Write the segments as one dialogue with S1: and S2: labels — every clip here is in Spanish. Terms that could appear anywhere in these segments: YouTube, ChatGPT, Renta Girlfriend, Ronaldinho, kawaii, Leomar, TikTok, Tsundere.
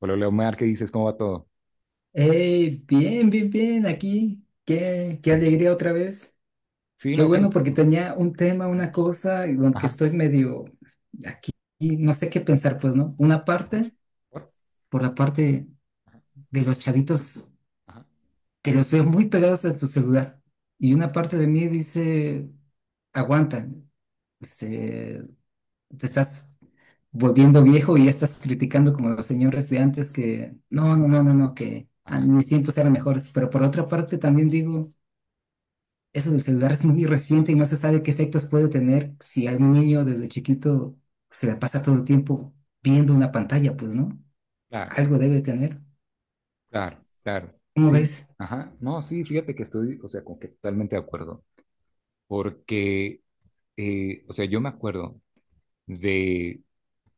S1: Hola, Leomar, ¿qué dices? ¿Cómo va todo?
S2: Hey, bien, bien, bien, aquí. Qué alegría otra vez.
S1: Sí,
S2: Qué
S1: no, qué
S2: bueno, porque
S1: gusto.
S2: tenía un tema, una cosa, y donde que
S1: Ajá.
S2: estoy medio aquí, y no sé qué pensar, pues, ¿no? Una
S1: Ajá,
S2: parte,
S1: ¿por?
S2: por la parte de los chavitos,
S1: Ajá.
S2: que los veo muy pegados a su celular. Y una parte de mí dice, aguanta, se- te estás volviendo viejo y ya estás criticando como los señores de antes que, no, no,
S1: Ujú,
S2: no, no, no, que a
S1: ajá.
S2: mis tiempos eran mejores. Pero por otra parte también digo. Eso del celular es muy reciente y no se sabe qué efectos puede tener si algún niño desde chiquito se la pasa todo el tiempo viendo una pantalla, pues, ¿no?
S1: Claro,
S2: Algo debe tener.
S1: claro, claro.
S2: ¿Cómo
S1: Sí,
S2: ves?
S1: ajá. No, sí, fíjate que estoy, o sea, como que totalmente de acuerdo. Porque, o sea, yo me acuerdo de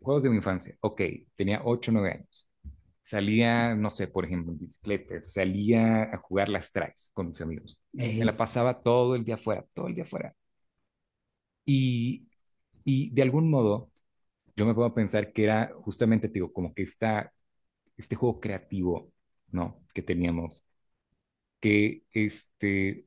S1: juegos de mi infancia. Ok, tenía 8 9 años. Salía, no sé, por ejemplo, en bicicleta. Salía a jugar las traes con mis amigos. Me la
S2: Ey,
S1: pasaba todo el día afuera, todo el día afuera. Y, y de algún modo. Yo me puedo pensar que era justamente, te digo, como que este juego creativo, ¿no? Que teníamos, que este,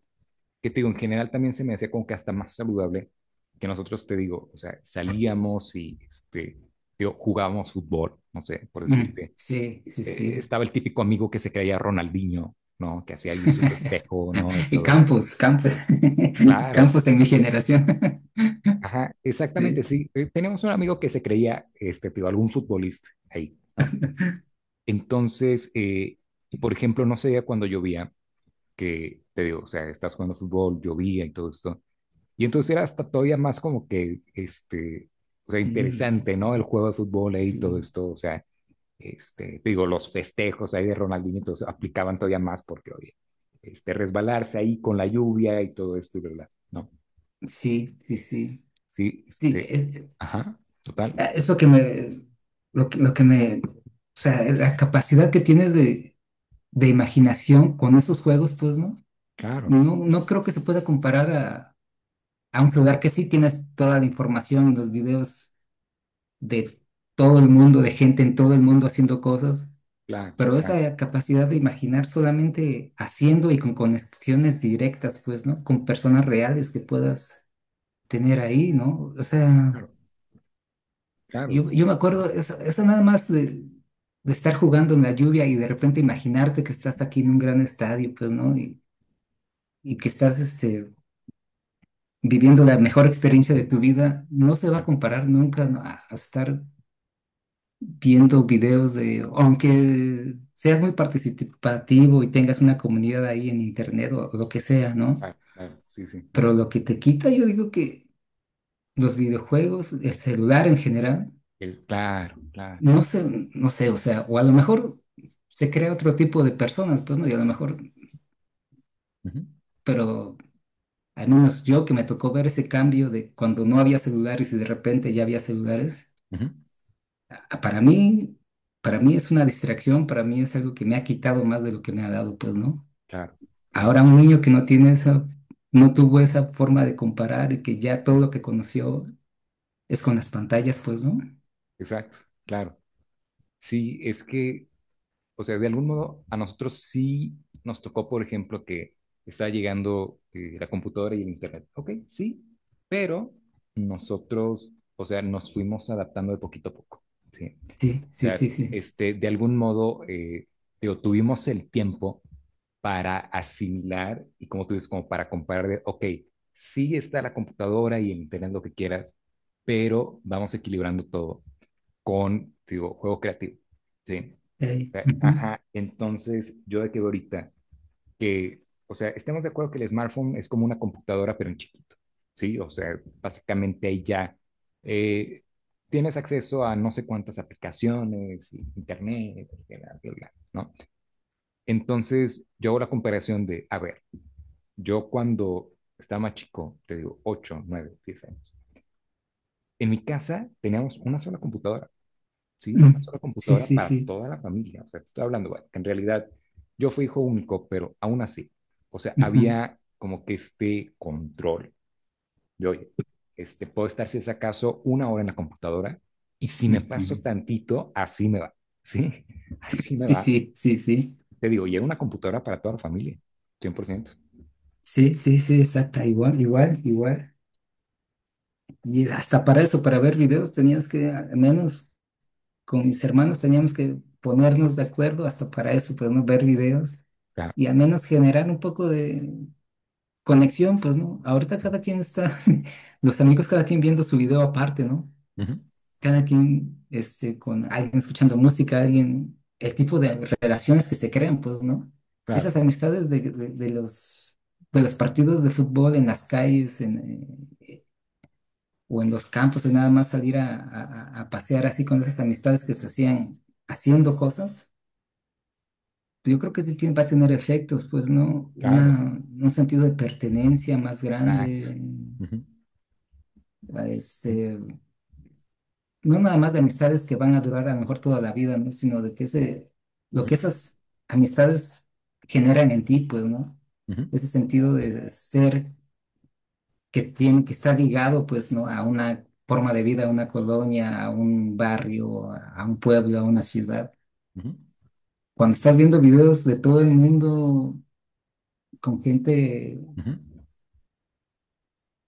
S1: que te digo, en general también se me hacía como que hasta más saludable que nosotros, te digo, o sea, salíamos y este, te digo, jugábamos fútbol, no sé, por
S2: mm,
S1: decirte.
S2: sí, sí,
S1: Eh,
S2: sí.
S1: estaba el típico amigo que se creía Ronaldinho, ¿no? Que hacía allí su festejo, ¿no? Y
S2: Y
S1: todo esto.
S2: Campos, Campos,
S1: Claro,
S2: Campos en mi generación.
S1: ajá, exactamente, sí. Teníamos un amigo que se creía, este, te digo, algún futbolista ahí, ¿no? Entonces, por ejemplo, no sé, cuando llovía, que te digo, o sea, estás jugando fútbol, llovía y todo esto. Y entonces era hasta todavía más como que, este, o sea,
S2: Sí, sí,
S1: interesante, ¿no? El
S2: sí,
S1: juego de fútbol ahí, todo
S2: sí, sí,
S1: esto, o sea, este, te digo, los festejos ahí de Ronaldinho, entonces aplicaban todavía más porque, oye, este, resbalarse ahí con la lluvia y todo esto, y ¿verdad? No,
S2: sí, sí, sí.
S1: sí,
S2: Sí,
S1: este,
S2: es,
S1: ajá, total,
S2: es lo que me, o sea, la capacidad que tienes de imaginación con esos juegos, pues no,
S1: claro,
S2: no creo que se pueda comparar a un lugar que sí tienes toda la información, los videos de todo el mundo, de gente en todo el mundo haciendo cosas,
S1: claro,
S2: pero
S1: claro,
S2: esa capacidad de imaginar solamente haciendo y con conexiones directas, pues no, con personas reales que puedas tener ahí, ¿no? O sea,
S1: claro, claro,
S2: yo, me acuerdo, eso nada más. De estar jugando en la lluvia y de repente imaginarte que estás aquí en un gran estadio, pues, ¿no? y, que estás viviendo la mejor experiencia de tu vida, no se va a
S1: claro, claro,
S2: comparar nunca, ¿no? a, estar viendo videos de, aunque seas muy participativo y tengas una comunidad ahí en internet o lo que sea, ¿no?
S1: claro, claro, sí, sí,
S2: Pero
S1: ajá.
S2: lo que te quita, yo digo que los videojuegos, el celular en general,
S1: Claro, claro.
S2: no sé, no sé, o sea, o a lo mejor se crea otro tipo de personas, pues, ¿no? Y a lo mejor,
S1: Ujú,
S2: pero. Al menos yo que me tocó ver ese cambio de cuando no había celulares y de repente ya había celulares.
S1: ujú,
S2: Ah, para mí, para mí es una distracción, para mí es algo que me ha quitado más de lo que me ha dado, pues, ¿no?
S1: claro, claro.
S2: Ahora un niño que no tiene esa, no tuvo esa forma de comparar y que ya
S1: Ujú,
S2: todo lo que conoció es con las pantallas, pues, ¿no?
S1: exacto, claro. Sí, es que, o sea, de algún modo a nosotros sí nos tocó, por ejemplo, que está llegando la computadora y el internet. Ok, sí, pero nosotros, o sea, nos fuimos adaptando de poquito a poco. Sí.
S2: Sí,
S1: O
S2: sí,
S1: sea,
S2: sí, sí.
S1: este, de algún modo, digo, tuvimos el tiempo para asimilar y como tú dices, como para comparar de, ok, sí está la computadora y el internet, lo que quieras, pero vamos equilibrando todo con, digo, juego creativo, ¿sí? O
S2: Ey,
S1: sea,
S2: ujú,
S1: ajá, entonces yo de que veo ahorita que, o sea, estemos de acuerdo que el smartphone es como una computadora, pero en chiquito, ¿sí? O sea, básicamente ahí ya eh, tienes acceso a no sé cuántas aplicaciones, internet, bla, bla, bla, ¿no? Entonces, yo hago la comparación de, a ver, yo cuando estaba más chico, te digo, 8 9 10 años, en mi casa teníamos una sola computadora. ¿Sí?
S2: mm,
S1: Una sola
S2: sí,
S1: computadora
S2: sí,
S1: para
S2: sí.
S1: toda la familia. O sea, te estoy hablando, bueno, que en realidad yo fui hijo único, pero aún así, o sea,
S2: Ujú,
S1: había como que este control de, oye, este, puedo estar si es acaso una hora en la computadora y si me paso
S2: ujú.
S1: tantito, así me va, ¿sí? Así me
S2: Sí,
S1: va.
S2: sí, sí, sí.
S1: Te digo, y era una computadora para toda la familia, 100%.
S2: Sí, sí, sí, exacta, igual, igual, igual. Y hasta para eso, para ver videos, tenías que al menos con mis hermanos teníamos que ponernos de acuerdo hasta para eso, pues, ¿no? Ver videos
S1: Claro,
S2: y al menos generar un poco de conexión, pues, ¿no? Ahorita cada quien está, los amigos cada quien viendo su video aparte, ¿no?
S1: ujú,
S2: Cada quien, con alguien escuchando música, alguien, el tipo de relaciones que se crean, pues, ¿no?
S1: claro,
S2: Esas amistades de, de los partidos de fútbol en las calles, en, o en los campos, de nada más salir a, a pasear así con esas amistades que se hacían haciendo cosas. Yo creo que sí va a tener efectos, pues, ¿no?
S1: claro,
S2: Una, un sentido de pertenencia más
S1: exacto.
S2: grande,
S1: Ujú, ujú,
S2: este, no nada más de amistades que van a durar a lo mejor toda la vida, ¿no? Sino de que ese, lo que esas amistades generan en ti, pues, ¿no?
S1: ujú,
S2: Ese sentido de ser que tiene, que está ligado, pues, ¿no? A una forma de vida, a una colonia, a un barrio, a un pueblo, a una ciudad.
S1: ujú,
S2: Cuando estás viendo videos de todo el mundo con gente,
S1: ujú.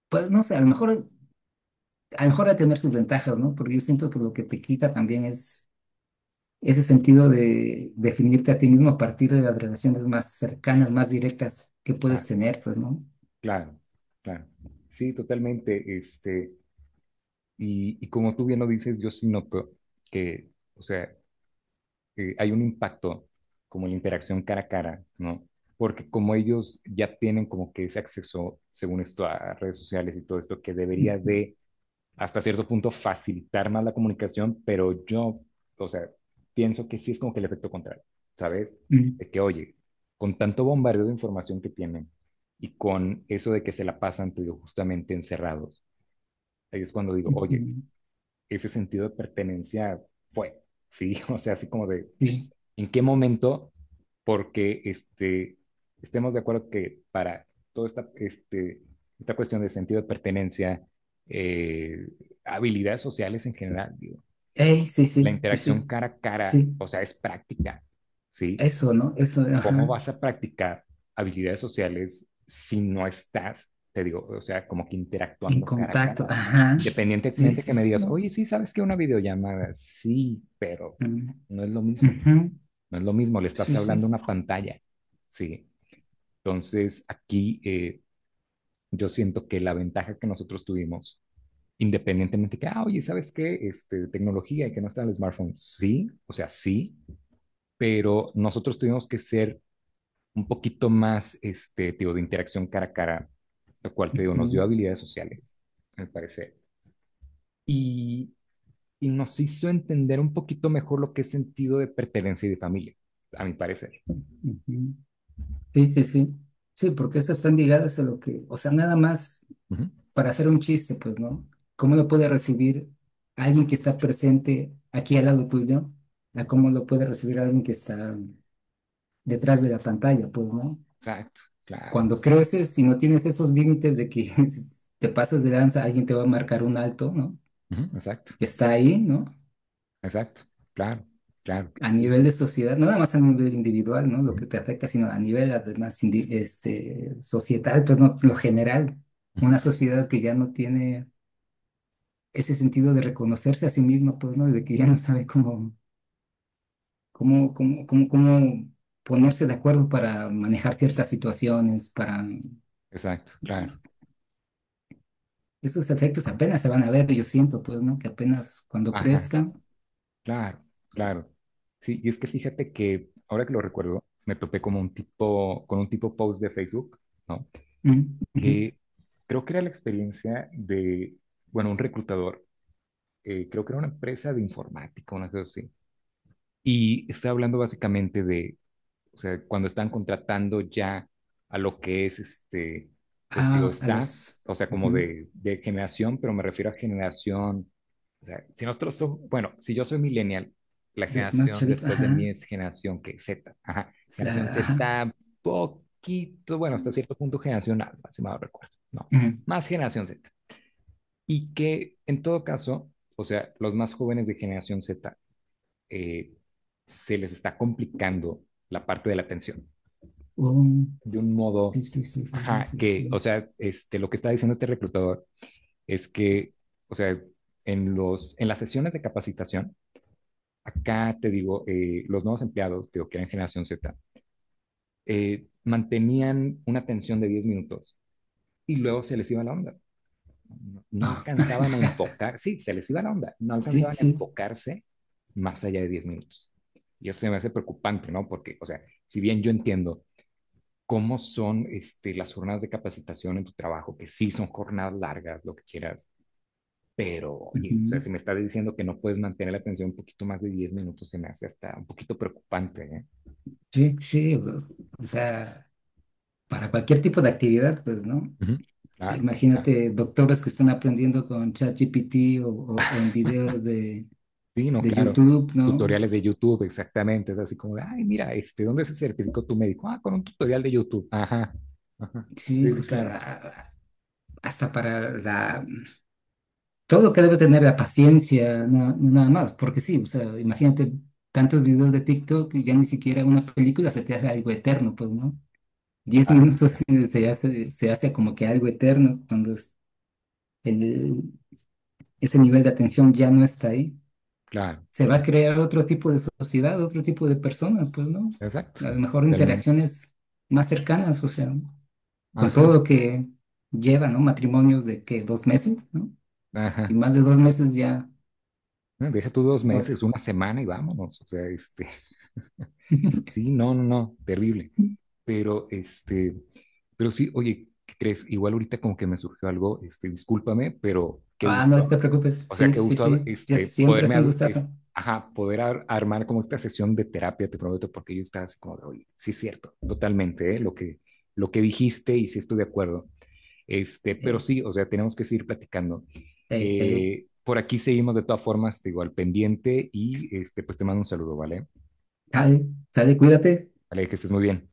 S2: pues no sé, a lo mejor a lo mejor a tener sus ventajas, ¿no? Porque yo siento que lo que te quita también es ese sentido de definirte a ti mismo a partir de las relaciones más cercanas, más directas que puedes
S1: Claro.
S2: tener, pues, ¿no?
S1: Claro, claro. Sí, totalmente. Este, y como tú bien lo dices, yo sí noto que, o sea, hay un impacto como la interacción cara a cara, ¿no? Porque como ellos ya tienen como que ese acceso, según esto, a redes sociales y todo esto, que debería
S2: Ujú,
S1: de hasta cierto punto facilitar más la comunicación, pero yo, o sea, pienso que sí es como que el efecto contrario, ¿sabes?
S2: ujú,
S1: De que, oye, con tanto bombardeo de información que tienen y con eso de que se la pasan, te digo, justamente encerrados, ahí es cuando digo, oye,
S2: ujú,
S1: ese sentido de pertenencia fue, ¿sí? O sea, así como de,
S2: sí,
S1: en qué momento, porque este, estemos de acuerdo que para toda esta, este, esta cuestión de sentido de pertenencia, eh, habilidades sociales en general, digo,
S2: ey, sí,
S1: la
S2: sí, pues sí,
S1: interacción cara a cara,
S2: sí,
S1: o sea, es práctica, ¿sí?
S2: eso, ¿no? Eso,
S1: ¿Cómo
S2: ajá,
S1: vas a practicar habilidades sociales si no estás, te digo, o sea, como que
S2: en
S1: interactuando cara a
S2: contacto,
S1: cara?
S2: ajá, sí,
S1: Independientemente
S2: sí,
S1: que me
S2: sí,
S1: digas,
S2: ¿no?
S1: oye, sí, sabes que una videollamada, sí, pero
S2: Mm,
S1: no es lo mismo.
S2: ujú,
S1: No es lo mismo, le
S2: sí,
S1: estás hablando a
S2: sí,
S1: una pantalla, ¿sí? Entonces, aquí yo siento que la ventaja que nosotros tuvimos, independientemente que, ah, oye, ¿sabes qué? Este, tecnología y que no está en el smartphone, sí, o sea, sí, pero nosotros tuvimos que ser un poquito más, este, tío, de interacción cara a cara, lo cual, te digo, nos dio
S2: ujú,
S1: habilidades sociales, me parece. Y, y nos hizo entender un poquito mejor lo que es sentido de pertenencia y de familia, a mi parecer.
S2: ujú, sí, sí, sí, sí, porque esas están ligadas a lo que, o sea, nada más,
S1: Ujú.
S2: para hacer un chiste, pues, ¿no? ¿Cómo lo puede recibir alguien que está presente aquí al lado tuyo? A cómo lo puede recibir alguien que está detrás de la pantalla, pues, ¿no?
S1: Exacto, claro.
S2: Cuando creces y no tienes esos límites de que si te pasas de lanza, alguien te va a marcar un alto, ¿no?
S1: Ujú, exacto,
S2: Que está ahí, ¿no?
S1: exacto, claro, claro,
S2: A
S1: sí,
S2: nivel
S1: sí,
S2: de sociedad, no nada más a nivel individual, ¿no? Lo
S1: ujú,
S2: que te afecta, sino a nivel además societal, pues, ¿no? Lo general,
S1: ujú,
S2: una sociedad que ya no tiene ese sentido de reconocerse a sí mismo, pues, ¿no? Y de que ya no sabe cómo, cómo, ponerse de acuerdo para manejar ciertas situaciones, para.
S1: exacto, claro,
S2: Esos efectos
S1: ujú,
S2: apenas se van a ver, yo siento, pues, ¿no? Que apenas cuando
S1: ajá,
S2: crezcan.
S1: claro, claro. Sí, y es que fíjate que ahora que lo recuerdo, me topé como un tipo, con un tipo post de Facebook, ¿no?
S2: Mm, ujú.
S1: Que creo que era la experiencia de, bueno, un reclutador, creo que era una empresa de informática, una cosa así, y estaba hablando básicamente de, o sea, cuando están contratando ya a lo que es este, pues digo,
S2: Ah, a
S1: staff,
S2: los,
S1: o sea, como
S2: ujú,
S1: de generación, pero me refiero a generación, o sea, si nosotros somos, bueno, si yo soy millennial, la
S2: los más
S1: generación
S2: chavitos,
S1: después de
S2: ajá,
S1: mí es generación que Z, ajá, generación
S2: ajá,
S1: Z, poquito, bueno, hasta cierto punto generación alfa, si mal no recuerdo, no,
S2: ujú.
S1: más generación Z. Y que en todo caso, o sea, los más jóvenes de generación Z eh, se les está complicando la parte de la atención
S2: Oh,
S1: de un modo,
S2: sí, sí, sí, sí, sí,
S1: ajá,
S2: sí,
S1: que, o
S2: sí.
S1: sea, este, lo que está diciendo este reclutador es que, o sea, en, los, en las sesiones de capacitación, acá te digo, los nuevos empleados, digo, que eran generación Z, mantenían una atención de 10 minutos y luego se les iba la onda. No, no
S2: Ah,
S1: alcanzaban a enfocar, sí, se les iba la onda, no
S2: sí,
S1: alcanzaban a
S2: sí,
S1: enfocarse más allá de 10 minutos. Y eso se me hace preocupante, ¿no? Porque, o sea, si bien yo entiendo cómo son este, las jornadas de capacitación en tu trabajo, que sí son jornadas largas, lo que quieras, pero, oye, o sea, si
S2: ujú.
S1: me estás diciendo que no puedes mantener la atención un poquito más de 10 minutos, se me hace hasta un poquito preocupante, ¿eh?
S2: Sí, sí, o sea, para cualquier tipo de actividad, pues, ¿no?
S1: Ujú. Claro, claro.
S2: Imagínate doctores que están aprendiendo con ChatGPT o, o en videos
S1: Sí, no,
S2: de
S1: claro.
S2: YouTube, ¿no?
S1: Tutoriales de YouTube, exactamente. Es así como, de, ay, mira, este, ¿dónde se certificó tu médico? Ah, con un tutorial de YouTube. Ajá, ajá.
S2: Sí,
S1: Sí,
S2: o
S1: sí, claro.
S2: sea, hasta para la, todo lo que debes tener, la paciencia, nada más, porque sí, o sea, imagínate tantos videos de TikTok y ya ni siquiera una película se te hace algo eterno, pues, ¿no? Diez
S1: Claro,
S2: minutos sí se hace como que algo eterno cuando el- ese nivel de atención ya no está ahí.
S1: claro,
S2: Se va a
S1: claro.
S2: crear otro tipo de sociedad, otro tipo de personas, pues, ¿no?
S1: Exacto,
S2: A lo mejor
S1: totalmente.
S2: interacciones más cercanas, o sea, con todo
S1: Ajá,
S2: lo que lleva, ¿no? Matrimonios de que 2 meses, ¿no?
S1: ajá.
S2: Y más de 2 meses ya
S1: No, deja tú dos
S2: otro.
S1: meses, una semana y vámonos. O sea, este, sí, no, no, no, terrible. Pero, este, pero sí, oye, ¿qué crees? Igual ahorita como que me surgió algo, este, discúlpame, pero qué
S2: Ah, no
S1: gusto.
S2: te preocupes,
S1: O sea, qué
S2: sí, sí,
S1: gusto,
S2: sí, ya
S1: este,
S2: siempre
S1: poderme,
S2: es un gustazo.
S1: ajá, poder armar como esta sesión de terapia, te prometo, porque yo estaba así como de, oye, sí es cierto, totalmente, ¿eh? Lo que dijiste y sí estoy de acuerdo. Este, pero
S2: Eh,
S1: sí, o sea, tenemos que seguir platicando.
S2: eh, eh,
S1: Por aquí seguimos de todas formas, te digo, al pendiente y este, pues te mando un saludo, ¿vale?
S2: Sale, sale, cuídate.
S1: Vale, que estés muy bien.